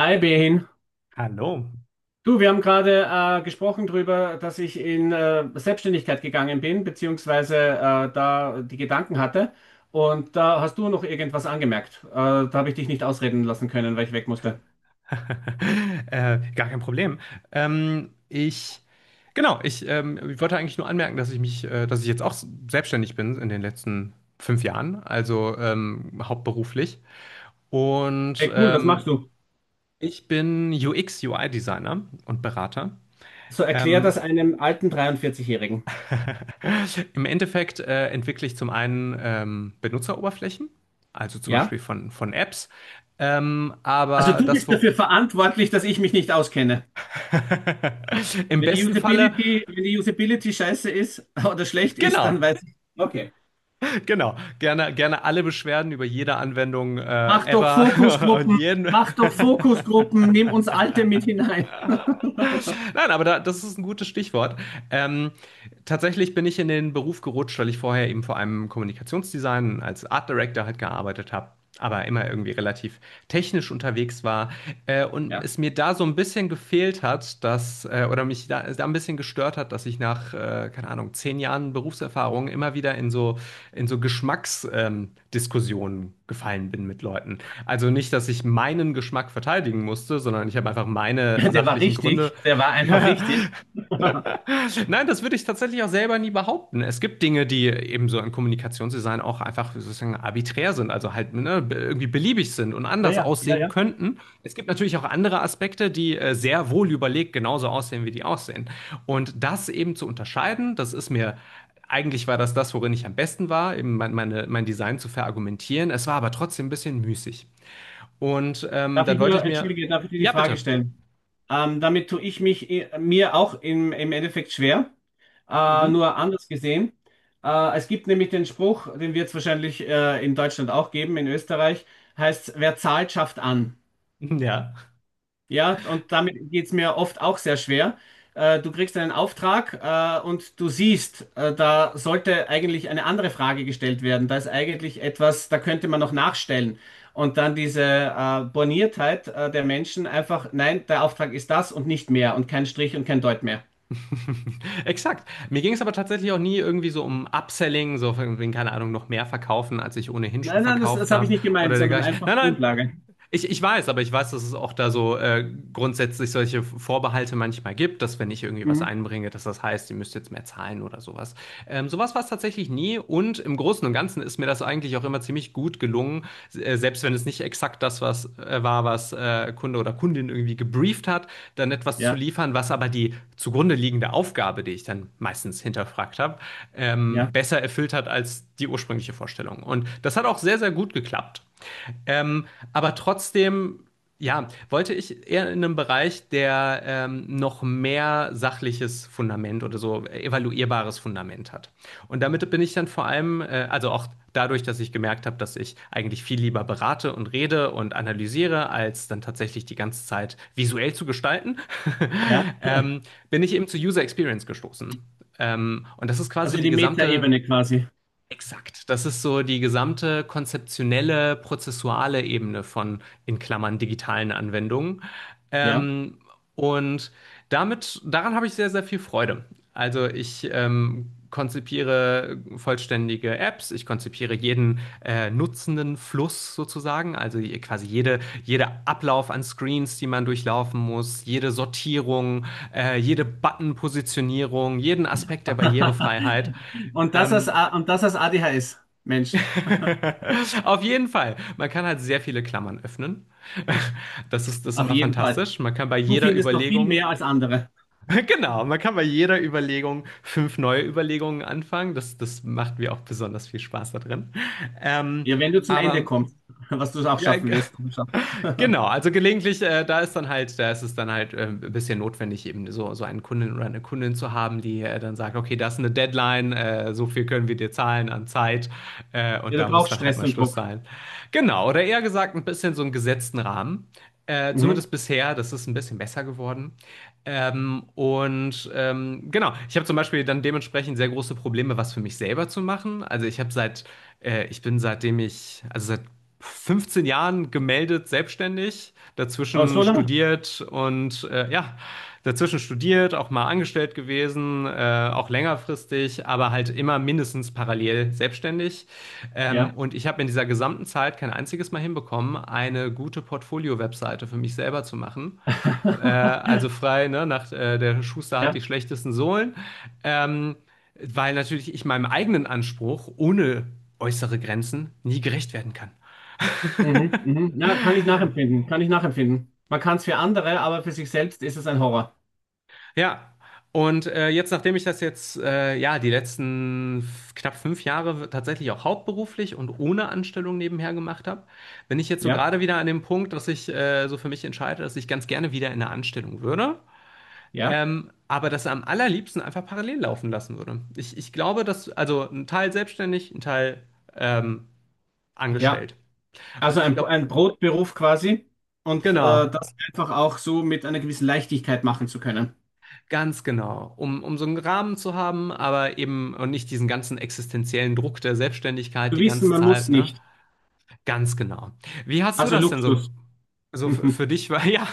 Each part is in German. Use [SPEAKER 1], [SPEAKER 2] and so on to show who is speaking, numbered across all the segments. [SPEAKER 1] Hi Behin.
[SPEAKER 2] Hallo.
[SPEAKER 1] Du, wir haben gerade gesprochen darüber, dass ich in Selbstständigkeit gegangen bin, beziehungsweise da die Gedanken hatte. Und da hast du noch irgendwas angemerkt. Da habe ich dich nicht ausreden lassen können, weil ich weg musste.
[SPEAKER 2] Gar kein Problem. Ähm, ich, genau, ich wollte eigentlich nur anmerken, dass ich mich, dass ich jetzt auch selbstständig bin in den letzten 5 Jahren, also hauptberuflich. Und
[SPEAKER 1] Hey, cool, was machst du?
[SPEAKER 2] ich bin UX-UI-Designer und Berater.
[SPEAKER 1] So erklär das
[SPEAKER 2] Ähm,
[SPEAKER 1] einem alten 43-Jährigen.
[SPEAKER 2] Im Endeffekt entwickle ich zum einen Benutzeroberflächen, also zum
[SPEAKER 1] Ja?
[SPEAKER 2] Beispiel von Apps.
[SPEAKER 1] Also
[SPEAKER 2] Aber
[SPEAKER 1] du
[SPEAKER 2] das,
[SPEAKER 1] bist
[SPEAKER 2] wo
[SPEAKER 1] dafür verantwortlich, dass ich mich nicht auskenne.
[SPEAKER 2] im
[SPEAKER 1] Wenn die
[SPEAKER 2] besten Falle.
[SPEAKER 1] Usability, wenn die Usability scheiße ist oder schlecht ist, dann
[SPEAKER 2] Genau,
[SPEAKER 1] weiß ich. Okay.
[SPEAKER 2] genau. Gerne, gerne alle Beschwerden über jede Anwendung
[SPEAKER 1] Mach doch
[SPEAKER 2] ever und
[SPEAKER 1] Fokusgruppen,
[SPEAKER 2] jeden.
[SPEAKER 1] mach doch Fokusgruppen, nimm uns Alte mit hinein.
[SPEAKER 2] Nein, aber da, das ist ein gutes Stichwort. Ähm, Tatsächlich bin ich in den Beruf gerutscht, weil ich vorher eben vor allem im Kommunikationsdesign als Art Director halt gearbeitet habe, aber immer irgendwie relativ technisch unterwegs war, und
[SPEAKER 1] Ja,
[SPEAKER 2] es mir da so ein bisschen gefehlt hat, dass, oder mich da ein bisschen gestört hat, dass ich nach keine Ahnung 10 Jahren Berufserfahrung immer wieder in so Geschmacksdiskussionen, Diskussionen gefallen bin mit Leuten. Also nicht, dass ich meinen Geschmack verteidigen musste, sondern ich habe einfach meine
[SPEAKER 1] der war
[SPEAKER 2] sachlichen Gründe.
[SPEAKER 1] richtig, der war einfach richtig.
[SPEAKER 2] Nein, das würde ich tatsächlich auch selber nie behaupten. Es gibt Dinge, die eben so im Kommunikationsdesign auch einfach sozusagen arbiträr sind, also halt ne, irgendwie beliebig sind und
[SPEAKER 1] Ja,
[SPEAKER 2] anders
[SPEAKER 1] ja, ja,
[SPEAKER 2] aussehen
[SPEAKER 1] ja.
[SPEAKER 2] könnten. Es gibt natürlich auch andere Aspekte, die sehr wohl überlegt genauso aussehen, wie die aussehen. Und das eben zu unterscheiden, das ist mir, eigentlich war das das, worin ich am besten war, eben mein Design zu verargumentieren. Es war aber trotzdem ein bisschen müßig. Und
[SPEAKER 1] Darf
[SPEAKER 2] dann
[SPEAKER 1] ich
[SPEAKER 2] wollte
[SPEAKER 1] nur,
[SPEAKER 2] ich mir.
[SPEAKER 1] entschuldige, darf ich dir die
[SPEAKER 2] Ja, bitte.
[SPEAKER 1] Frage stellen? Damit tue ich mich mir auch im Endeffekt schwer,
[SPEAKER 2] Mhm.
[SPEAKER 1] nur anders gesehen. Es gibt nämlich den Spruch, den wird es wahrscheinlich in Deutschland auch geben, in Österreich, heißt, wer zahlt, schafft an.
[SPEAKER 2] Ja.
[SPEAKER 1] Ja, und damit geht's mir oft auch sehr schwer. Du kriegst einen Auftrag, und du siehst, da sollte eigentlich eine andere Frage gestellt werden. Da ist eigentlich etwas, da könnte man noch nachstellen. Und dann diese Borniertheit der Menschen einfach, nein, der Auftrag ist das und nicht mehr und kein Strich und kein Deut mehr.
[SPEAKER 2] Exakt. Mir ging es aber tatsächlich auch nie irgendwie so um Upselling, so von wegen, keine Ahnung, noch mehr verkaufen, als ich ohnehin schon
[SPEAKER 1] Nein, nein,
[SPEAKER 2] verkauft
[SPEAKER 1] das habe ich
[SPEAKER 2] habe
[SPEAKER 1] nicht gemeint,
[SPEAKER 2] oder
[SPEAKER 1] sondern
[SPEAKER 2] dergleichen. Nein,
[SPEAKER 1] einfach
[SPEAKER 2] nein,
[SPEAKER 1] Grundlage.
[SPEAKER 2] ich weiß, aber ich weiß, dass es auch da so grundsätzlich solche Vorbehalte manchmal gibt, dass wenn ich irgendwie was
[SPEAKER 1] Mhm.
[SPEAKER 2] einbringe, dass das heißt, ihr müsst jetzt mehr zahlen oder sowas. Sowas war es tatsächlich nie und im Großen und Ganzen ist mir das eigentlich auch immer ziemlich gut gelungen, selbst wenn es nicht exakt das was, war, was Kunde oder Kundin irgendwie gebrieft hat, dann etwas zu
[SPEAKER 1] Ja,
[SPEAKER 2] liefern, was aber die zugrunde liegende Aufgabe, die ich dann meistens hinterfragt habe,
[SPEAKER 1] ja,
[SPEAKER 2] besser erfüllt hat als die ursprüngliche Vorstellung. Und das hat auch sehr, sehr gut geklappt. Ähm, aber trotzdem, ja, wollte ich eher in einem Bereich, der noch mehr sachliches Fundament oder so evaluierbares Fundament hat. Und damit bin ich dann vor allem, also auch dadurch, dass ich gemerkt habe, dass ich eigentlich viel lieber berate und rede und analysiere, als dann tatsächlich die ganze Zeit visuell zu gestalten,
[SPEAKER 1] ja, ja.
[SPEAKER 2] ähm, bin ich eben zu User Experience gestoßen. Und das ist
[SPEAKER 1] Also
[SPEAKER 2] quasi
[SPEAKER 1] in
[SPEAKER 2] die
[SPEAKER 1] die
[SPEAKER 2] gesamte.
[SPEAKER 1] Metaebene quasi.
[SPEAKER 2] Exakt. Das ist so die gesamte konzeptionelle, prozessuale Ebene von in Klammern digitalen Anwendungen.
[SPEAKER 1] Ja.
[SPEAKER 2] Ähm, und damit, daran habe ich sehr, sehr viel Freude. Also ich konzipiere vollständige Apps, ich konzipiere jeden nutzenden Fluss sozusagen, also quasi jede, jeder Ablauf an Screens, die man durchlaufen muss, jede Sortierung, jede Button-Positionierung, jeden Aspekt der Barrierefreiheit.
[SPEAKER 1] Und das als,
[SPEAKER 2] Ähm,
[SPEAKER 1] A- und das als ADHS, Mensch.
[SPEAKER 2] auf jeden Fall. Man kann halt sehr viele Klammern öffnen. Das ist
[SPEAKER 1] Auf
[SPEAKER 2] immer
[SPEAKER 1] jeden Fall.
[SPEAKER 2] fantastisch. Man kann bei
[SPEAKER 1] Du
[SPEAKER 2] jeder
[SPEAKER 1] findest noch viel
[SPEAKER 2] Überlegung,
[SPEAKER 1] mehr als andere.
[SPEAKER 2] genau, man kann bei jeder Überlegung fünf neue Überlegungen anfangen. Das macht mir auch besonders viel Spaß da drin. Ähm,
[SPEAKER 1] Ja, wenn du zum Ende
[SPEAKER 2] aber
[SPEAKER 1] kommst, was du auch
[SPEAKER 2] ja,
[SPEAKER 1] schaffen wirst. Komm schon.
[SPEAKER 2] genau, also gelegentlich, da ist dann halt, da ist es dann halt ein bisschen notwendig, eben so einen Kunden oder eine Kundin zu haben, die dann sagt, okay, das ist eine Deadline, so viel können wir dir zahlen an Zeit, und
[SPEAKER 1] Ja, du
[SPEAKER 2] da muss
[SPEAKER 1] brauchst
[SPEAKER 2] dann halt
[SPEAKER 1] Stress
[SPEAKER 2] mal
[SPEAKER 1] und
[SPEAKER 2] Schluss
[SPEAKER 1] Druck.
[SPEAKER 2] sein. Genau, oder eher gesagt, ein bisschen so einen gesetzten Rahmen.
[SPEAKER 1] Mhm.
[SPEAKER 2] Zumindest bisher, das ist ein bisschen besser geworden. Und genau, ich habe zum Beispiel dann dementsprechend sehr große Probleme, was für mich selber zu machen. Also ich habe seit, ich bin seitdem ich, also seit 15 Jahren gemeldet selbstständig,
[SPEAKER 1] Aber so
[SPEAKER 2] dazwischen
[SPEAKER 1] lange?
[SPEAKER 2] studiert und ja, dazwischen studiert, auch mal angestellt gewesen, auch längerfristig, aber halt immer mindestens parallel selbstständig.
[SPEAKER 1] Ja.
[SPEAKER 2] Und ich habe in dieser gesamten Zeit kein einziges Mal hinbekommen, eine gute Portfolio-Webseite für mich selber zu machen. Also frei, ne, nach der Schuster hat die
[SPEAKER 1] Ja.
[SPEAKER 2] schlechtesten Sohlen. Ähm, Weil natürlich ich meinem eigenen Anspruch ohne äußere Grenzen nie gerecht werden kann.
[SPEAKER 1] Mhm, mhm. Ja, kann ich nachempfinden. Kann ich nachempfinden. Man kann es für andere, aber für sich selbst ist es ein Horror.
[SPEAKER 2] Ja. Und jetzt, nachdem ich das jetzt, ja, die letzten knapp 5 Jahre tatsächlich auch hauptberuflich und ohne Anstellung nebenher gemacht habe, bin ich jetzt so
[SPEAKER 1] Ja,
[SPEAKER 2] gerade wieder an dem Punkt, dass ich so für mich entscheide, dass ich ganz gerne wieder in eine Anstellung würde.
[SPEAKER 1] ja,
[SPEAKER 2] Aber das am allerliebsten einfach parallel laufen lassen würde. Ich glaube, dass, also ein Teil selbstständig, ein Teil ähm,
[SPEAKER 1] ja.
[SPEAKER 2] angestellt. Und
[SPEAKER 1] Also
[SPEAKER 2] ich glaube,
[SPEAKER 1] ein Brotberuf quasi und
[SPEAKER 2] genau.
[SPEAKER 1] das einfach auch so mit einer gewissen Leichtigkeit machen zu können.
[SPEAKER 2] Ganz genau, um so einen Rahmen zu haben, aber eben und nicht diesen ganzen existenziellen Druck der Selbstständigkeit
[SPEAKER 1] Zu
[SPEAKER 2] die
[SPEAKER 1] wissen,
[SPEAKER 2] ganze
[SPEAKER 1] man
[SPEAKER 2] Zeit,
[SPEAKER 1] muss
[SPEAKER 2] ne?
[SPEAKER 1] nicht.
[SPEAKER 2] Ganz genau. Wie hast du
[SPEAKER 1] Also
[SPEAKER 2] das denn
[SPEAKER 1] Luxus.
[SPEAKER 2] so, so f-
[SPEAKER 1] Mhm,
[SPEAKER 2] für dich war, ja,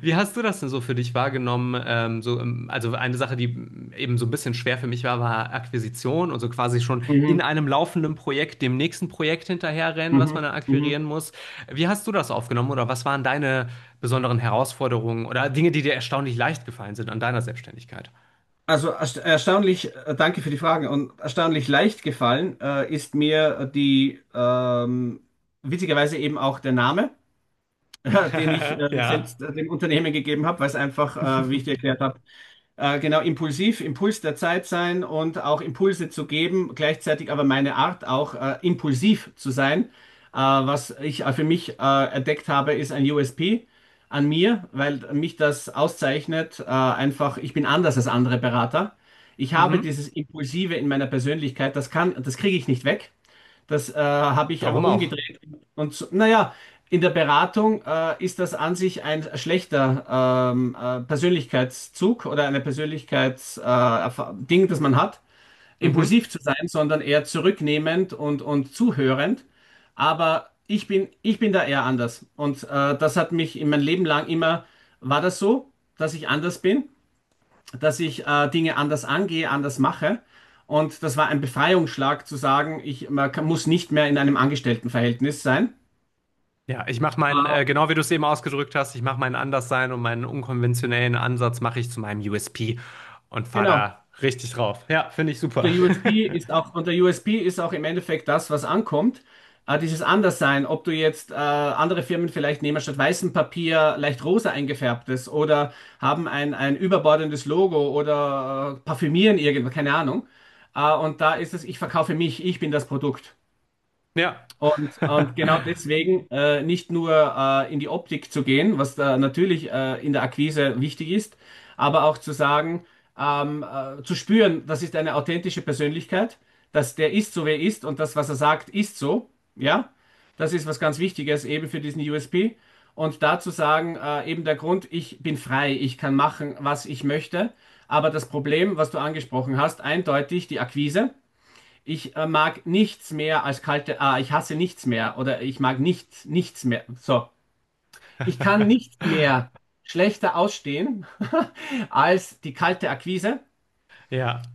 [SPEAKER 2] wie hast du das denn so für dich wahrgenommen? Also eine Sache, die eben so ein bisschen schwer für mich war, war Akquisition und so quasi schon in
[SPEAKER 1] mhm,
[SPEAKER 2] einem laufenden Projekt dem nächsten Projekt hinterherrennen, was man
[SPEAKER 1] mhm,
[SPEAKER 2] dann akquirieren
[SPEAKER 1] mhm.
[SPEAKER 2] muss. Wie hast du das aufgenommen oder was waren deine besonderen Herausforderungen oder Dinge, die dir erstaunlich leicht gefallen sind an deiner Selbstständigkeit?
[SPEAKER 1] Also erstaunlich, danke für die Fragen, und erstaunlich leicht gefallen ist mir die witzigerweise eben auch der Name, den ich
[SPEAKER 2] Ja.
[SPEAKER 1] selbst dem Unternehmen gegeben habe, weil es einfach, wie ich dir erklärt habe, genau impulsiv, Impuls der Zeit sein und auch Impulse zu geben, gleichzeitig aber meine Art auch impulsiv zu sein. Was ich für mich entdeckt habe, ist ein USP an mir, weil mich das auszeichnet. Einfach, ich bin anders als andere Berater. Ich habe
[SPEAKER 2] Mhm.
[SPEAKER 1] dieses Impulsive in meiner Persönlichkeit, das kriege ich nicht weg. Das habe ich
[SPEAKER 2] Warum
[SPEAKER 1] aber
[SPEAKER 2] auch?
[SPEAKER 1] umgedreht. Und so, naja, in der Beratung ist das an sich ein schlechter Persönlichkeitszug oder eine Ding, das man hat,
[SPEAKER 2] Mhm.
[SPEAKER 1] impulsiv zu sein, sondern eher zurücknehmend und zuhörend. Aber ich bin da eher anders. Und das hat mich in mein Leben lang immer, war das so, dass ich anders bin? Dass ich Dinge anders angehe, anders mache. Und das war ein Befreiungsschlag zu sagen, ich man kann, muss nicht mehr in einem Angestelltenverhältnis sein.
[SPEAKER 2] Ja, ich mache meinen,
[SPEAKER 1] Äh,
[SPEAKER 2] genau wie du es eben ausgedrückt hast, ich mache meinen Anderssein und meinen unkonventionellen Ansatz mache ich zu meinem USP und fahre
[SPEAKER 1] genau.
[SPEAKER 2] da richtig drauf. Ja, finde ich
[SPEAKER 1] Und
[SPEAKER 2] super.
[SPEAKER 1] der USP ist auch, und der USP ist auch im Endeffekt das, was ankommt. Dieses Anderssein, ob du jetzt andere Firmen vielleicht nehmen statt weißem Papier leicht rosa eingefärbtes oder haben ein überbordendes Logo oder parfümieren irgendwas, keine Ahnung. Und da ist es, ich verkaufe mich, ich bin das Produkt.
[SPEAKER 2] Ja.
[SPEAKER 1] Und genau deswegen nicht nur in die Optik zu gehen, was da natürlich in der Akquise wichtig ist, aber auch zu sagen, zu spüren, das ist eine authentische Persönlichkeit, dass der ist so, wer er ist und das, was er sagt, ist so. Ja, das ist was ganz Wichtiges eben für diesen USP. Und dazu sagen, eben der Grund, ich bin frei, ich kann machen, was ich möchte. Aber das Problem, was du angesprochen hast, eindeutig die Akquise. Ich mag nichts mehr als kalte, ah, ich hasse nichts mehr oder ich mag nicht, nichts mehr. So, ich kann nichts mehr schlechter ausstehen als die kalte Akquise.
[SPEAKER 2] Ja.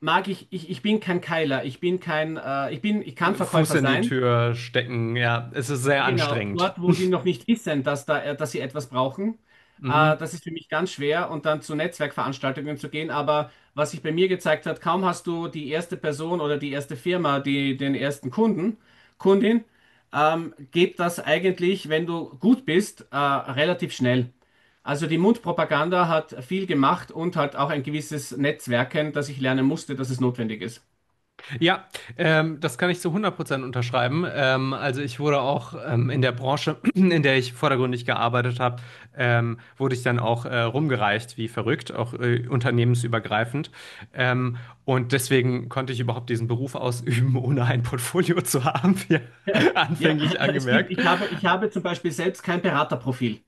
[SPEAKER 1] Mag ich, ich bin kein Keiler, ich bin kein, ich bin, ich kann
[SPEAKER 2] Fuß
[SPEAKER 1] Verkäufer
[SPEAKER 2] in die
[SPEAKER 1] sein.
[SPEAKER 2] Tür stecken, ja, es ist sehr
[SPEAKER 1] Genau,
[SPEAKER 2] anstrengend.
[SPEAKER 1] dort, wo die noch nicht wissen, dass da, dass sie etwas brauchen,
[SPEAKER 2] Mhm.
[SPEAKER 1] das ist für mich ganz schwer, und dann zu Netzwerkveranstaltungen zu gehen. Aber was sich bei mir gezeigt hat, kaum hast du die erste Person oder die erste Firma, die den ersten Kunden, Kundin, geht das eigentlich, wenn du gut bist, relativ schnell. Also die Mundpropaganda hat viel gemacht und halt auch ein gewisses Netzwerken, das ich lernen musste, dass es notwendig ist.
[SPEAKER 2] Ja, das kann ich zu 100% unterschreiben. Also ich wurde auch in der Branche, in der ich vordergründig gearbeitet habe, wurde ich dann auch rumgereicht, wie verrückt, auch unternehmensübergreifend. Ähm, und deswegen konnte ich überhaupt diesen Beruf ausüben, ohne ein Portfolio zu haben, wie
[SPEAKER 1] Ja,
[SPEAKER 2] anfänglich
[SPEAKER 1] es gibt,
[SPEAKER 2] angemerkt.
[SPEAKER 1] ich habe zum Beispiel selbst kein Beraterprofil.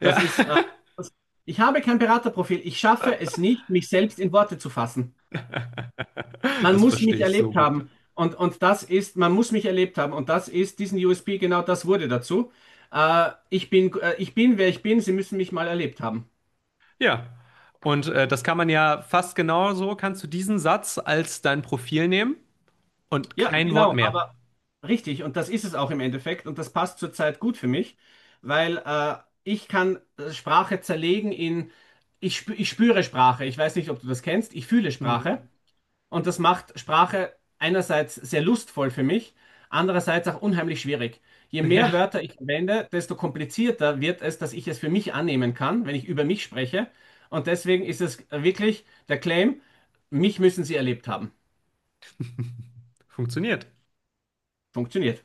[SPEAKER 2] Ja,
[SPEAKER 1] Das ist, äh, das- Ich habe kein Beraterprofil. Ich schaffe es nicht, mich selbst in Worte zu fassen. Man
[SPEAKER 2] das
[SPEAKER 1] muss
[SPEAKER 2] verstehe
[SPEAKER 1] mich
[SPEAKER 2] ich so
[SPEAKER 1] erlebt
[SPEAKER 2] gut.
[SPEAKER 1] haben. Und man muss mich erlebt haben. Und das ist, diesen USP, genau das wurde dazu. Ich bin, wer ich bin. Sie müssen mich mal erlebt haben.
[SPEAKER 2] Ja. Und das kann man ja fast genauso, kannst du diesen Satz als dein Profil nehmen. Und
[SPEAKER 1] Ja,
[SPEAKER 2] kein Wort
[SPEAKER 1] genau.
[SPEAKER 2] mehr.
[SPEAKER 1] Aber richtig. Und das ist es auch im Endeffekt. Und das passt zurzeit gut für mich, weil ich kann Sprache zerlegen in, ich spüre Sprache. Ich weiß nicht, ob du das kennst. Ich fühle Sprache.
[SPEAKER 2] Mhm.
[SPEAKER 1] Und das macht Sprache einerseits sehr lustvoll für mich, andererseits auch unheimlich schwierig. Je mehr
[SPEAKER 2] Ja,
[SPEAKER 1] Wörter ich verwende, desto komplizierter wird es, dass ich es für mich annehmen kann, wenn ich über mich spreche. Und deswegen ist es wirklich der Claim, mich müssen Sie erlebt haben.
[SPEAKER 2] funktioniert.
[SPEAKER 1] Funktioniert.